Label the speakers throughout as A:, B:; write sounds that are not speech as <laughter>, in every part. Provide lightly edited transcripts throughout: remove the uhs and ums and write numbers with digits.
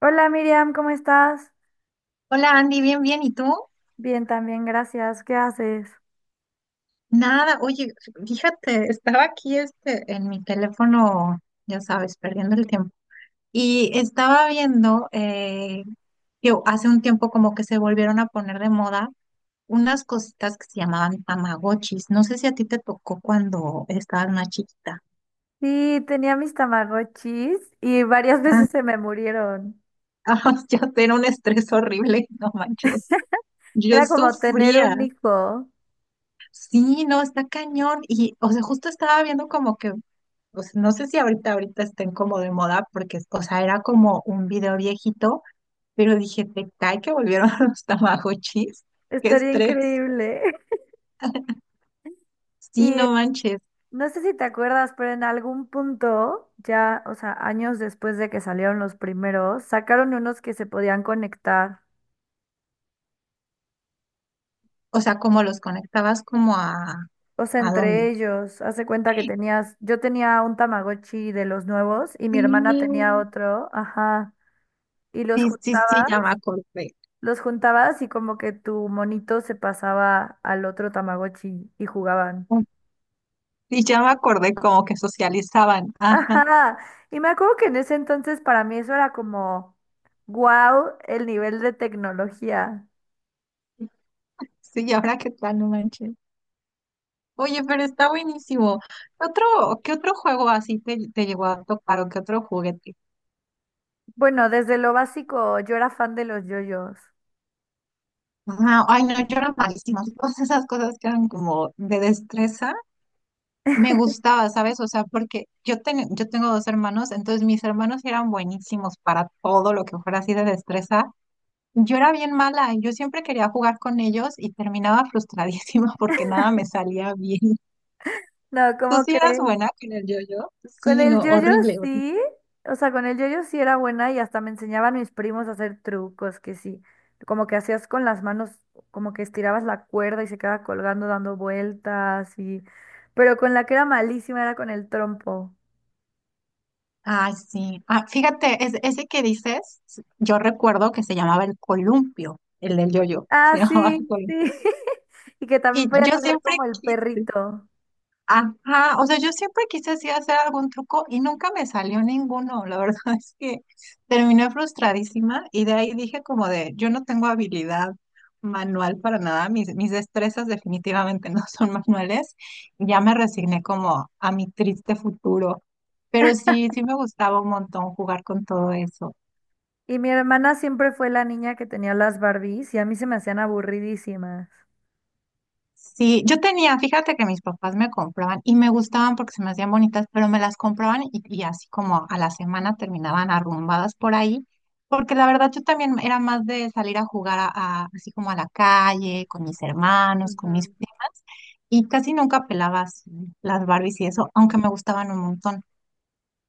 A: Hola Miriam, ¿cómo estás?
B: Hola Andy, bien, bien. ¿Y tú?
A: Bien, también, gracias. ¿Qué haces?
B: Nada, oye, fíjate, estaba aquí este, en mi teléfono, ya sabes, perdiendo el tiempo. Y estaba viendo, que hace un tiempo como que se volvieron a poner de moda unas cositas que se llamaban tamagotchis. No sé si a ti te tocó cuando estabas más chiquita.
A: Sí, tenía mis Tamagotchis y varias <laughs>
B: Ah,
A: veces se me murieron.
B: <laughs> ah, ya era un estrés horrible, no manches. Yo
A: Era como tener un
B: sufría.
A: hijo.
B: Sí, no, está cañón. Justo estaba viendo como que, o sea, no sé si ahorita estén como de moda, porque, o sea, era como un video viejito, pero dije, te cae que volvieron <laughs> los Tamagotchis. Qué
A: Estaría
B: estrés.
A: increíble. <laughs>
B: Sí,
A: Y
B: no manches.
A: no sé si te acuerdas, pero en algún punto, ya, o sea, años después de que salieron los primeros, sacaron unos que se podían conectar.
B: O sea, como los conectabas como
A: O sea,
B: ¿a dónde?
A: entre ellos, hace cuenta que tenías, yo tenía un Tamagotchi de los nuevos y mi hermana tenía
B: Sí,
A: otro, ajá, y los
B: sí, sí, sí,
A: juntabas.
B: ya me acordé.
A: Los juntabas y como que tu monito se pasaba al otro Tamagotchi y jugaban.
B: Sí, ya me acordé como que socializaban.
A: <laughs>
B: Ajá.
A: Ajá. Y me acuerdo que en ese entonces para mí eso era como wow, el nivel de tecnología.
B: Sí, y ahora qué tal, no manches. Oye, pero está buenísimo. ¿Qué otro juego así te llegó a tocar o qué otro juguete?
A: Bueno, desde lo básico yo era fan de los yoyos.
B: Ah, ay, no, yo era malísima. <laughs> Todas esas cosas que eran como de destreza, me gustaba, ¿sabes? O sea, porque yo, yo tengo dos hermanos, entonces mis hermanos eran buenísimos para todo lo que fuera así de destreza. Yo era bien mala, yo siempre quería jugar con ellos y terminaba frustradísima <laughs> porque nada me salía bien.
A: No,
B: ¿Tú
A: ¿cómo
B: sí eras
A: crees?
B: buena con el yo-yo?
A: Con
B: Sí,
A: el
B: no,
A: yoyo
B: horrible, horrible.
A: sí, o sea, con el yoyo sí era buena y hasta me enseñaban mis primos a hacer trucos que sí, como que hacías con las manos, como que estirabas la cuerda y se quedaba colgando dando vueltas y, pero con la que era malísima era con el trompo.
B: Ah, sí. Ah, fíjate, ese que dices, yo recuerdo que se llamaba el columpio, el del yoyo, se
A: Ah,
B: <laughs> llamaba el
A: sí, sí.
B: columpio.
A: <laughs> Y que también
B: Y
A: podías
B: yo
A: hacer
B: siempre
A: como el
B: quise.
A: perrito.
B: Ajá, o sea, yo siempre quise así hacer algún truco y nunca me salió ninguno. La verdad <laughs> es que terminé frustradísima y de ahí dije como de, yo no tengo habilidad manual para nada, mis destrezas definitivamente <laughs> no son manuales. Y ya me resigné como a mi triste futuro, pero sí, sí me gustaba un montón jugar con todo eso.
A: Y mi hermana siempre fue la niña que tenía las Barbies y a mí se me hacían aburridísimas.
B: Sí, yo tenía, fíjate que mis papás me compraban y me gustaban porque se me hacían bonitas, pero me las compraban y así como a la semana terminaban arrumbadas por ahí, porque la verdad yo también era más de salir a jugar a, así como a la calle, con mis hermanos, con mis
A: Ujú.
B: primas, y casi nunca pelabas las Barbies y eso, aunque me gustaban un montón.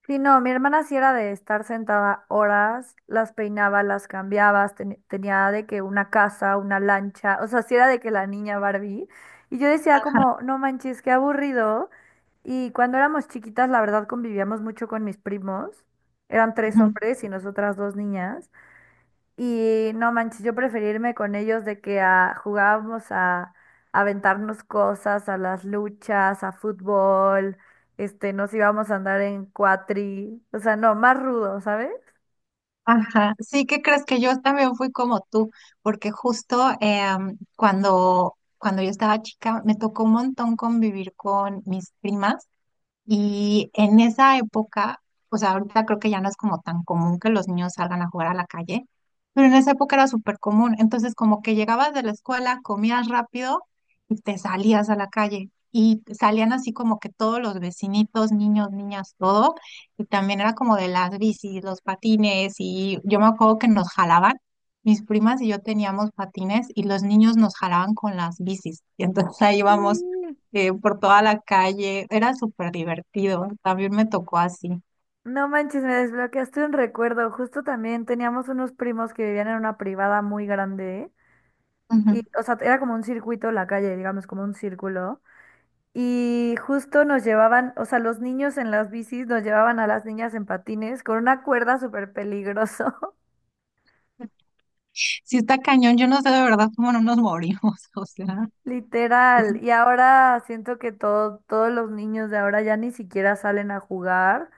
A: Sí, no, mi hermana sí era de estar sentada horas, las peinaba, las cambiabas, tenía de que una casa, una lancha, o sea, sí era de que la niña Barbie. Y yo decía
B: Ajá.
A: como, no manches, qué aburrido. Y cuando éramos chiquitas, la verdad, convivíamos mucho con mis primos. Eran tres hombres y nosotras dos niñas. Y no manches, yo preferirme con ellos de que jugábamos a aventarnos cosas, a las luchas, a fútbol, este, nos íbamos a andar en cuatri, o sea, no, más rudo, ¿sabes?
B: Ajá, sí, qué crees que yo también fui como tú, porque justo cuando, cuando yo estaba chica me tocó un montón convivir con mis primas y en esa época, o sea, ahorita creo que ya no es como tan común que los niños salgan a jugar a la calle, pero en esa época era súper común. Entonces, como que llegabas de la escuela, comías rápido y te salías a la calle. Y salían así como que todos los vecinitos, niños, niñas, todo. Y también era como de las bicis, los patines. Y yo me acuerdo que nos jalaban. Mis primas y yo teníamos patines y los niños nos jalaban con las bicis. <laughs> Y entonces ahí íbamos
A: Sí.
B: por toda la calle. Era súper divertido. También me tocó así.
A: No manches, me desbloqueaste un recuerdo. Justo también teníamos unos primos que vivían en una privada muy grande y,
B: Ujú.
A: o sea, era como un circuito la calle, digamos, como un círculo. Y justo nos llevaban, o sea, los niños en las bicis nos llevaban a las niñas en patines con una cuerda súper peligroso,
B: Sí, está cañón. Yo no sé de verdad cómo no nos morimos. <laughs> O sea,
A: <laughs> literal. Y ahora siento que todos los niños de ahora ya ni siquiera salen a jugar,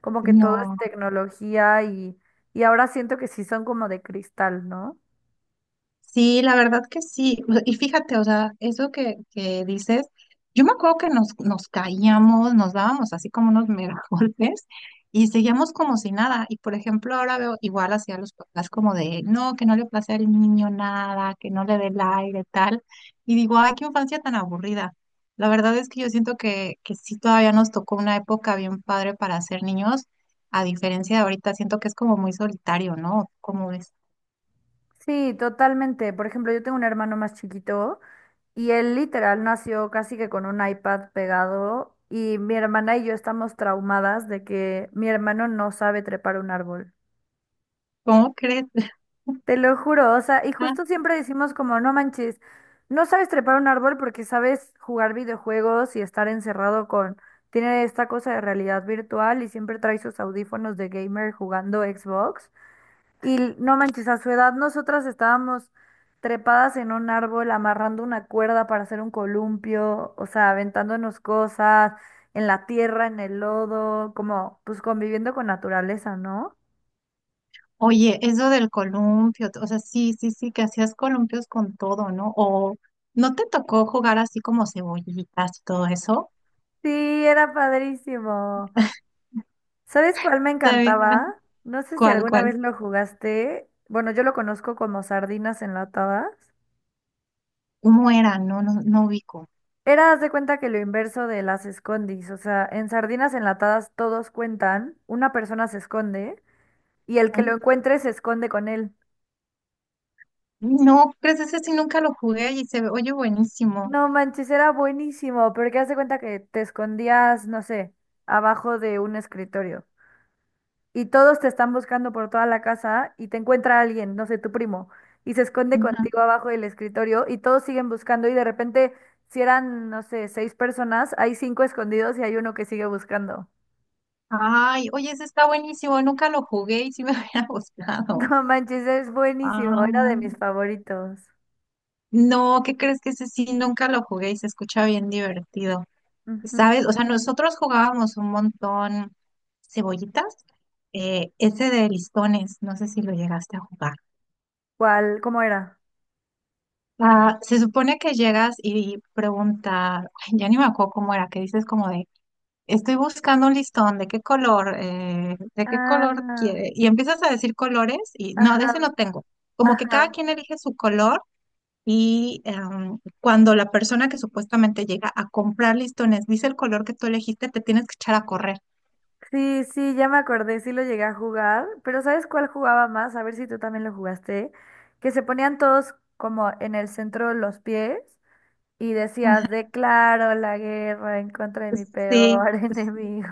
A: como que todo es
B: no.
A: tecnología y ahora siento que sí son como de cristal, ¿no?
B: Sí, la verdad que sí. O sea, y fíjate, o sea, eso que dices, yo me acuerdo que nos, nos caíamos, nos dábamos así como unos mega <laughs> golpes y seguíamos como si nada. Y por ejemplo, ahora veo igual hacia los papás como de, no, que no le place al niño nada, que no le dé el aire, tal. Y digo, ay, qué infancia tan aburrida. La verdad es que yo siento que sí todavía nos tocó una época bien padre para ser niños, a diferencia de ahorita, siento que es como muy solitario, ¿no? ¿Cómo ves?
A: Sí, totalmente. Por ejemplo, yo tengo un hermano más chiquito. Y él literal nació casi que con un iPad pegado y mi hermana y yo estamos traumadas de que mi hermano no sabe trepar un árbol.
B: ¿Cómo crees? <laughs>
A: Te lo juro, o sea, y justo siempre decimos como, no manches, no sabes trepar un árbol porque sabes jugar videojuegos y estar encerrado con, tiene esta cosa de realidad virtual y siempre trae sus audífonos de gamer jugando Xbox. Y no manches, a su edad nosotras estábamos trepadas en un árbol, amarrando una cuerda para hacer un columpio, o sea, aventándonos cosas en la tierra, en el lodo, como pues conviviendo con naturaleza, ¿no?
B: Oye, eso del columpio, o sea, sí, sí, sí, que hacías columpios con todo, ¿no? O no te tocó jugar así como cebollitas y todo eso.
A: Sí, era padrísimo. ¿Sabes cuál me
B: Te-
A: encantaba? No sé si
B: ¿Cuál,
A: alguna
B: cuál?
A: vez lo jugaste. Bueno, yo lo conozco como sardinas enlatadas.
B: ¿Cómo era? No, no, no ubico.
A: Era, haz de cuenta que lo inverso de las escondis, o sea, en sardinas enlatadas todos cuentan, una persona se esconde y el que lo
B: ¿Mm?
A: encuentre se esconde con él.
B: No, pues ese sí nunca lo jugué y se ve, oye, buenísimo.
A: No manches, era buenísimo, porque haz de cuenta que te escondías, no sé, abajo de un escritorio y todos te están buscando por toda la casa y te encuentra alguien, no sé, tu primo, y se esconde
B: Ujú.
A: contigo abajo del escritorio y todos siguen buscando y de repente, si eran, no sé, seis personas, hay cinco escondidos y hay uno que sigue buscando. <laughs>
B: Ay, oye, ese está buenísimo, nunca lo jugué y sí me <laughs> hubiera gustado.
A: No manches, es buenísimo, era
B: Ah,
A: de mis favoritos.
B: no, ¿qué crees que ese sí nunca lo jugué y se escucha bien divertido?
A: Ujú.
B: ¿Sabes? O sea, nosotros jugábamos un montón cebollitas, ese de listones, no sé si lo llegaste a jugar.
A: ¿Cuál? ¿Cómo era?
B: Ah, se supone que llegas y preguntas, ay, ya ni me acuerdo cómo era, que dices como de, estoy buscando un listón, ¿de qué color? ¿De qué color
A: Ah,
B: quiere? Y empiezas a decir colores y no, de ese
A: ajá,
B: no tengo. Como que cada
A: ajá.
B: quien elige su color y cuando la persona que supuestamente llega a comprar listones dice el color que tú elegiste, te tienes que echar a correr.
A: Sí, sí, ya me acordé, sí lo llegué a jugar, pero ¿sabes cuál jugaba más? A ver si tú también lo jugaste. Que se ponían todos como en el centro de los pies y decías, declaro la guerra en contra de mi
B: Sí,
A: peor <laughs>
B: es-
A: enemigo.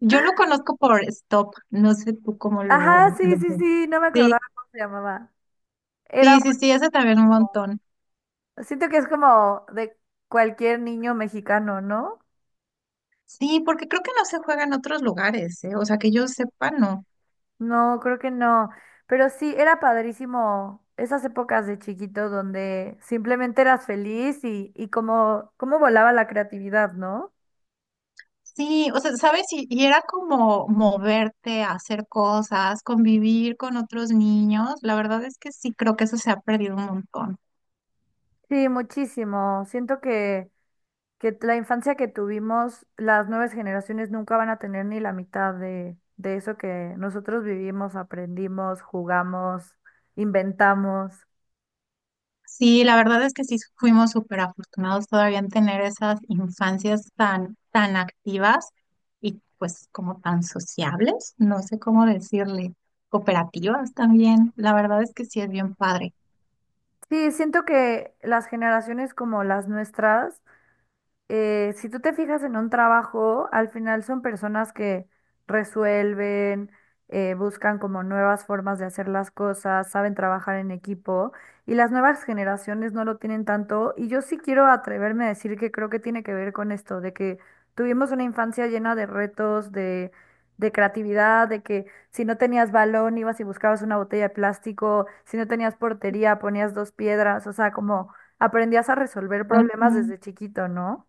B: yo lo conozco por Stop, no sé tú cómo
A: Ajá,
B: lo,
A: sí,
B: lo...
A: sí,
B: ves.
A: sí, no me
B: Sí,
A: acordaba cómo se llamaba. Era
B: sí, sí, sí, ese también un
A: bueno.
B: montón.
A: Siento que es como de cualquier niño mexicano, ¿no?
B: Sí, porque creo que no se juega en otros lugares, ¿eh? O sea, que yo sepa, no.
A: No, creo que no. Pero sí, era padrísimo esas épocas de chiquito donde simplemente eras feliz y cómo, cómo volaba la creatividad, ¿no?
B: Sí, o sea, ¿sabes? Y era como moverte, hacer cosas, convivir con otros niños. La verdad es que sí, creo que eso se ha perdido un montón.
A: Sí, muchísimo. Siento que la infancia que tuvimos, las nuevas generaciones nunca van a tener ni la mitad de eso que nosotros vivimos, aprendimos, jugamos, inventamos.
B: Sí, la verdad es que sí fuimos súper afortunados todavía en tener esas infancias tan, tan activas y pues como tan sociables, no sé cómo decirle, cooperativas también. La verdad es que sí es bien padre.
A: Sí, siento que las generaciones como las nuestras, si tú te fijas en un trabajo, al final son personas que resuelven, buscan como nuevas formas de hacer las cosas, saben trabajar en equipo y las nuevas generaciones no lo tienen tanto. Y yo sí quiero atreverme a decir que creo que tiene que ver con esto, de que tuvimos una infancia llena de retos, de creatividad, de que si no tenías balón ibas y buscabas una botella de plástico, si no tenías portería ponías dos piedras, o sea, como aprendías a resolver problemas
B: Ujú.
A: desde chiquito, ¿no?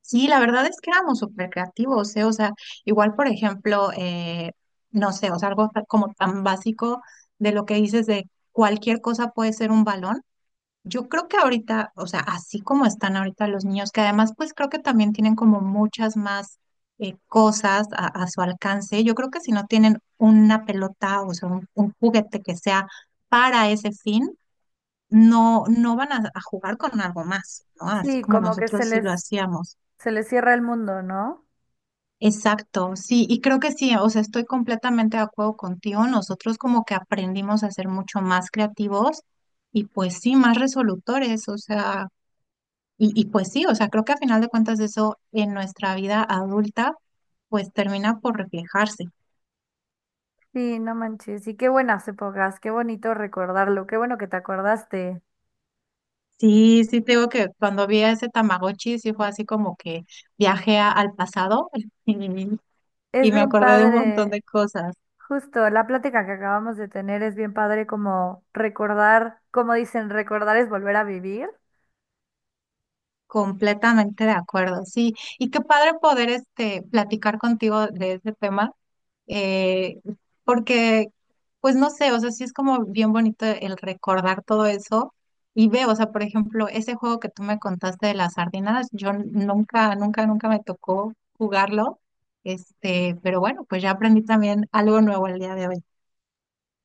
B: Sí, la verdad es que éramos súper creativos, ¿eh? O sea, igual por ejemplo, no sé, o sea, algo como tan básico de lo que dices de cualquier cosa puede ser un balón. Yo creo que ahorita, o sea, así como están ahorita los niños, que además pues creo que también tienen como muchas más cosas a su alcance, yo creo que si no tienen una pelota, o sea, un juguete que sea para ese fin, no, no van a jugar con algo más, ¿no? Así
A: Sí,
B: como
A: como que se
B: nosotros sí lo
A: les,
B: hacíamos.
A: se les cierra el mundo, ¿no?
B: Exacto, sí, y creo que sí, o sea, estoy completamente de acuerdo contigo, nosotros como que aprendimos a ser mucho más creativos y pues sí, más resolutores, o sea... Y, y pues sí, o sea, creo que a final de cuentas eso en nuestra vida adulta pues termina por reflejarse.
A: Sí, no manches. Y qué buenas épocas, qué bonito recordarlo, qué bueno que te acordaste.
B: Sí, sí, te digo que cuando vi a ese Tamagotchi sí fue así como que viajé al pasado <laughs> y,
A: Es
B: y me
A: bien
B: acordé de un montón
A: padre,
B: de cosas.
A: justo la plática que acabamos de tener es bien padre como recordar, como dicen, recordar es volver a vivir.
B: Completamente de acuerdo, sí. Y qué padre poder este platicar contigo de ese tema, eh, porque, pues no sé, o sea, sí es como bien bonito el recordar todo eso y veo, o sea, por ejemplo, ese juego que tú me contaste de las sardinas, yo nunca, nunca, nunca me tocó jugarlo, este, pero bueno, pues ya aprendí también algo nuevo el día de hoy.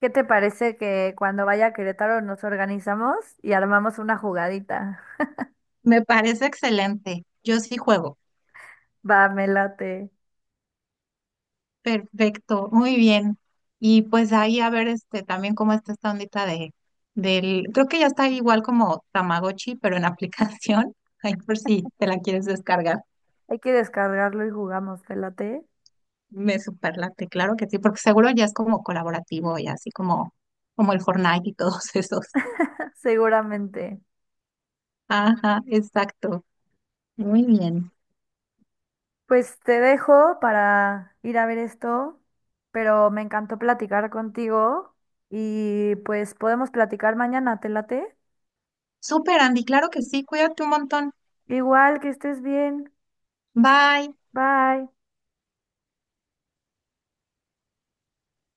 A: ¿Qué te parece que cuando vaya a Querétaro nos organizamos y armamos una jugadita?
B: Me parece excelente. Yo sí juego.
A: Va, me late.
B: Perfecto, muy bien. Y pues ahí a ver este también cómo está esta ondita de del, creo que ya está igual como Tamagotchi, pero en aplicación. <laughs> Ahí por si te la quieres descargar.
A: Hay que descargarlo y jugamos, ¿te late?
B: Me superlate, claro que sí, porque seguro ya es como colaborativo y así como, como el Fortnite y todos <laughs> esos.
A: <laughs> Seguramente.
B: Ajá, exacto. Muy bien.
A: Pues te dejo para ir a ver esto, pero me encantó platicar contigo y pues podemos platicar mañana, ¿te late?
B: Súper, Andy, claro que sí, cuídate un montón.
A: Igual que estés bien.
B: Bye.
A: Bye.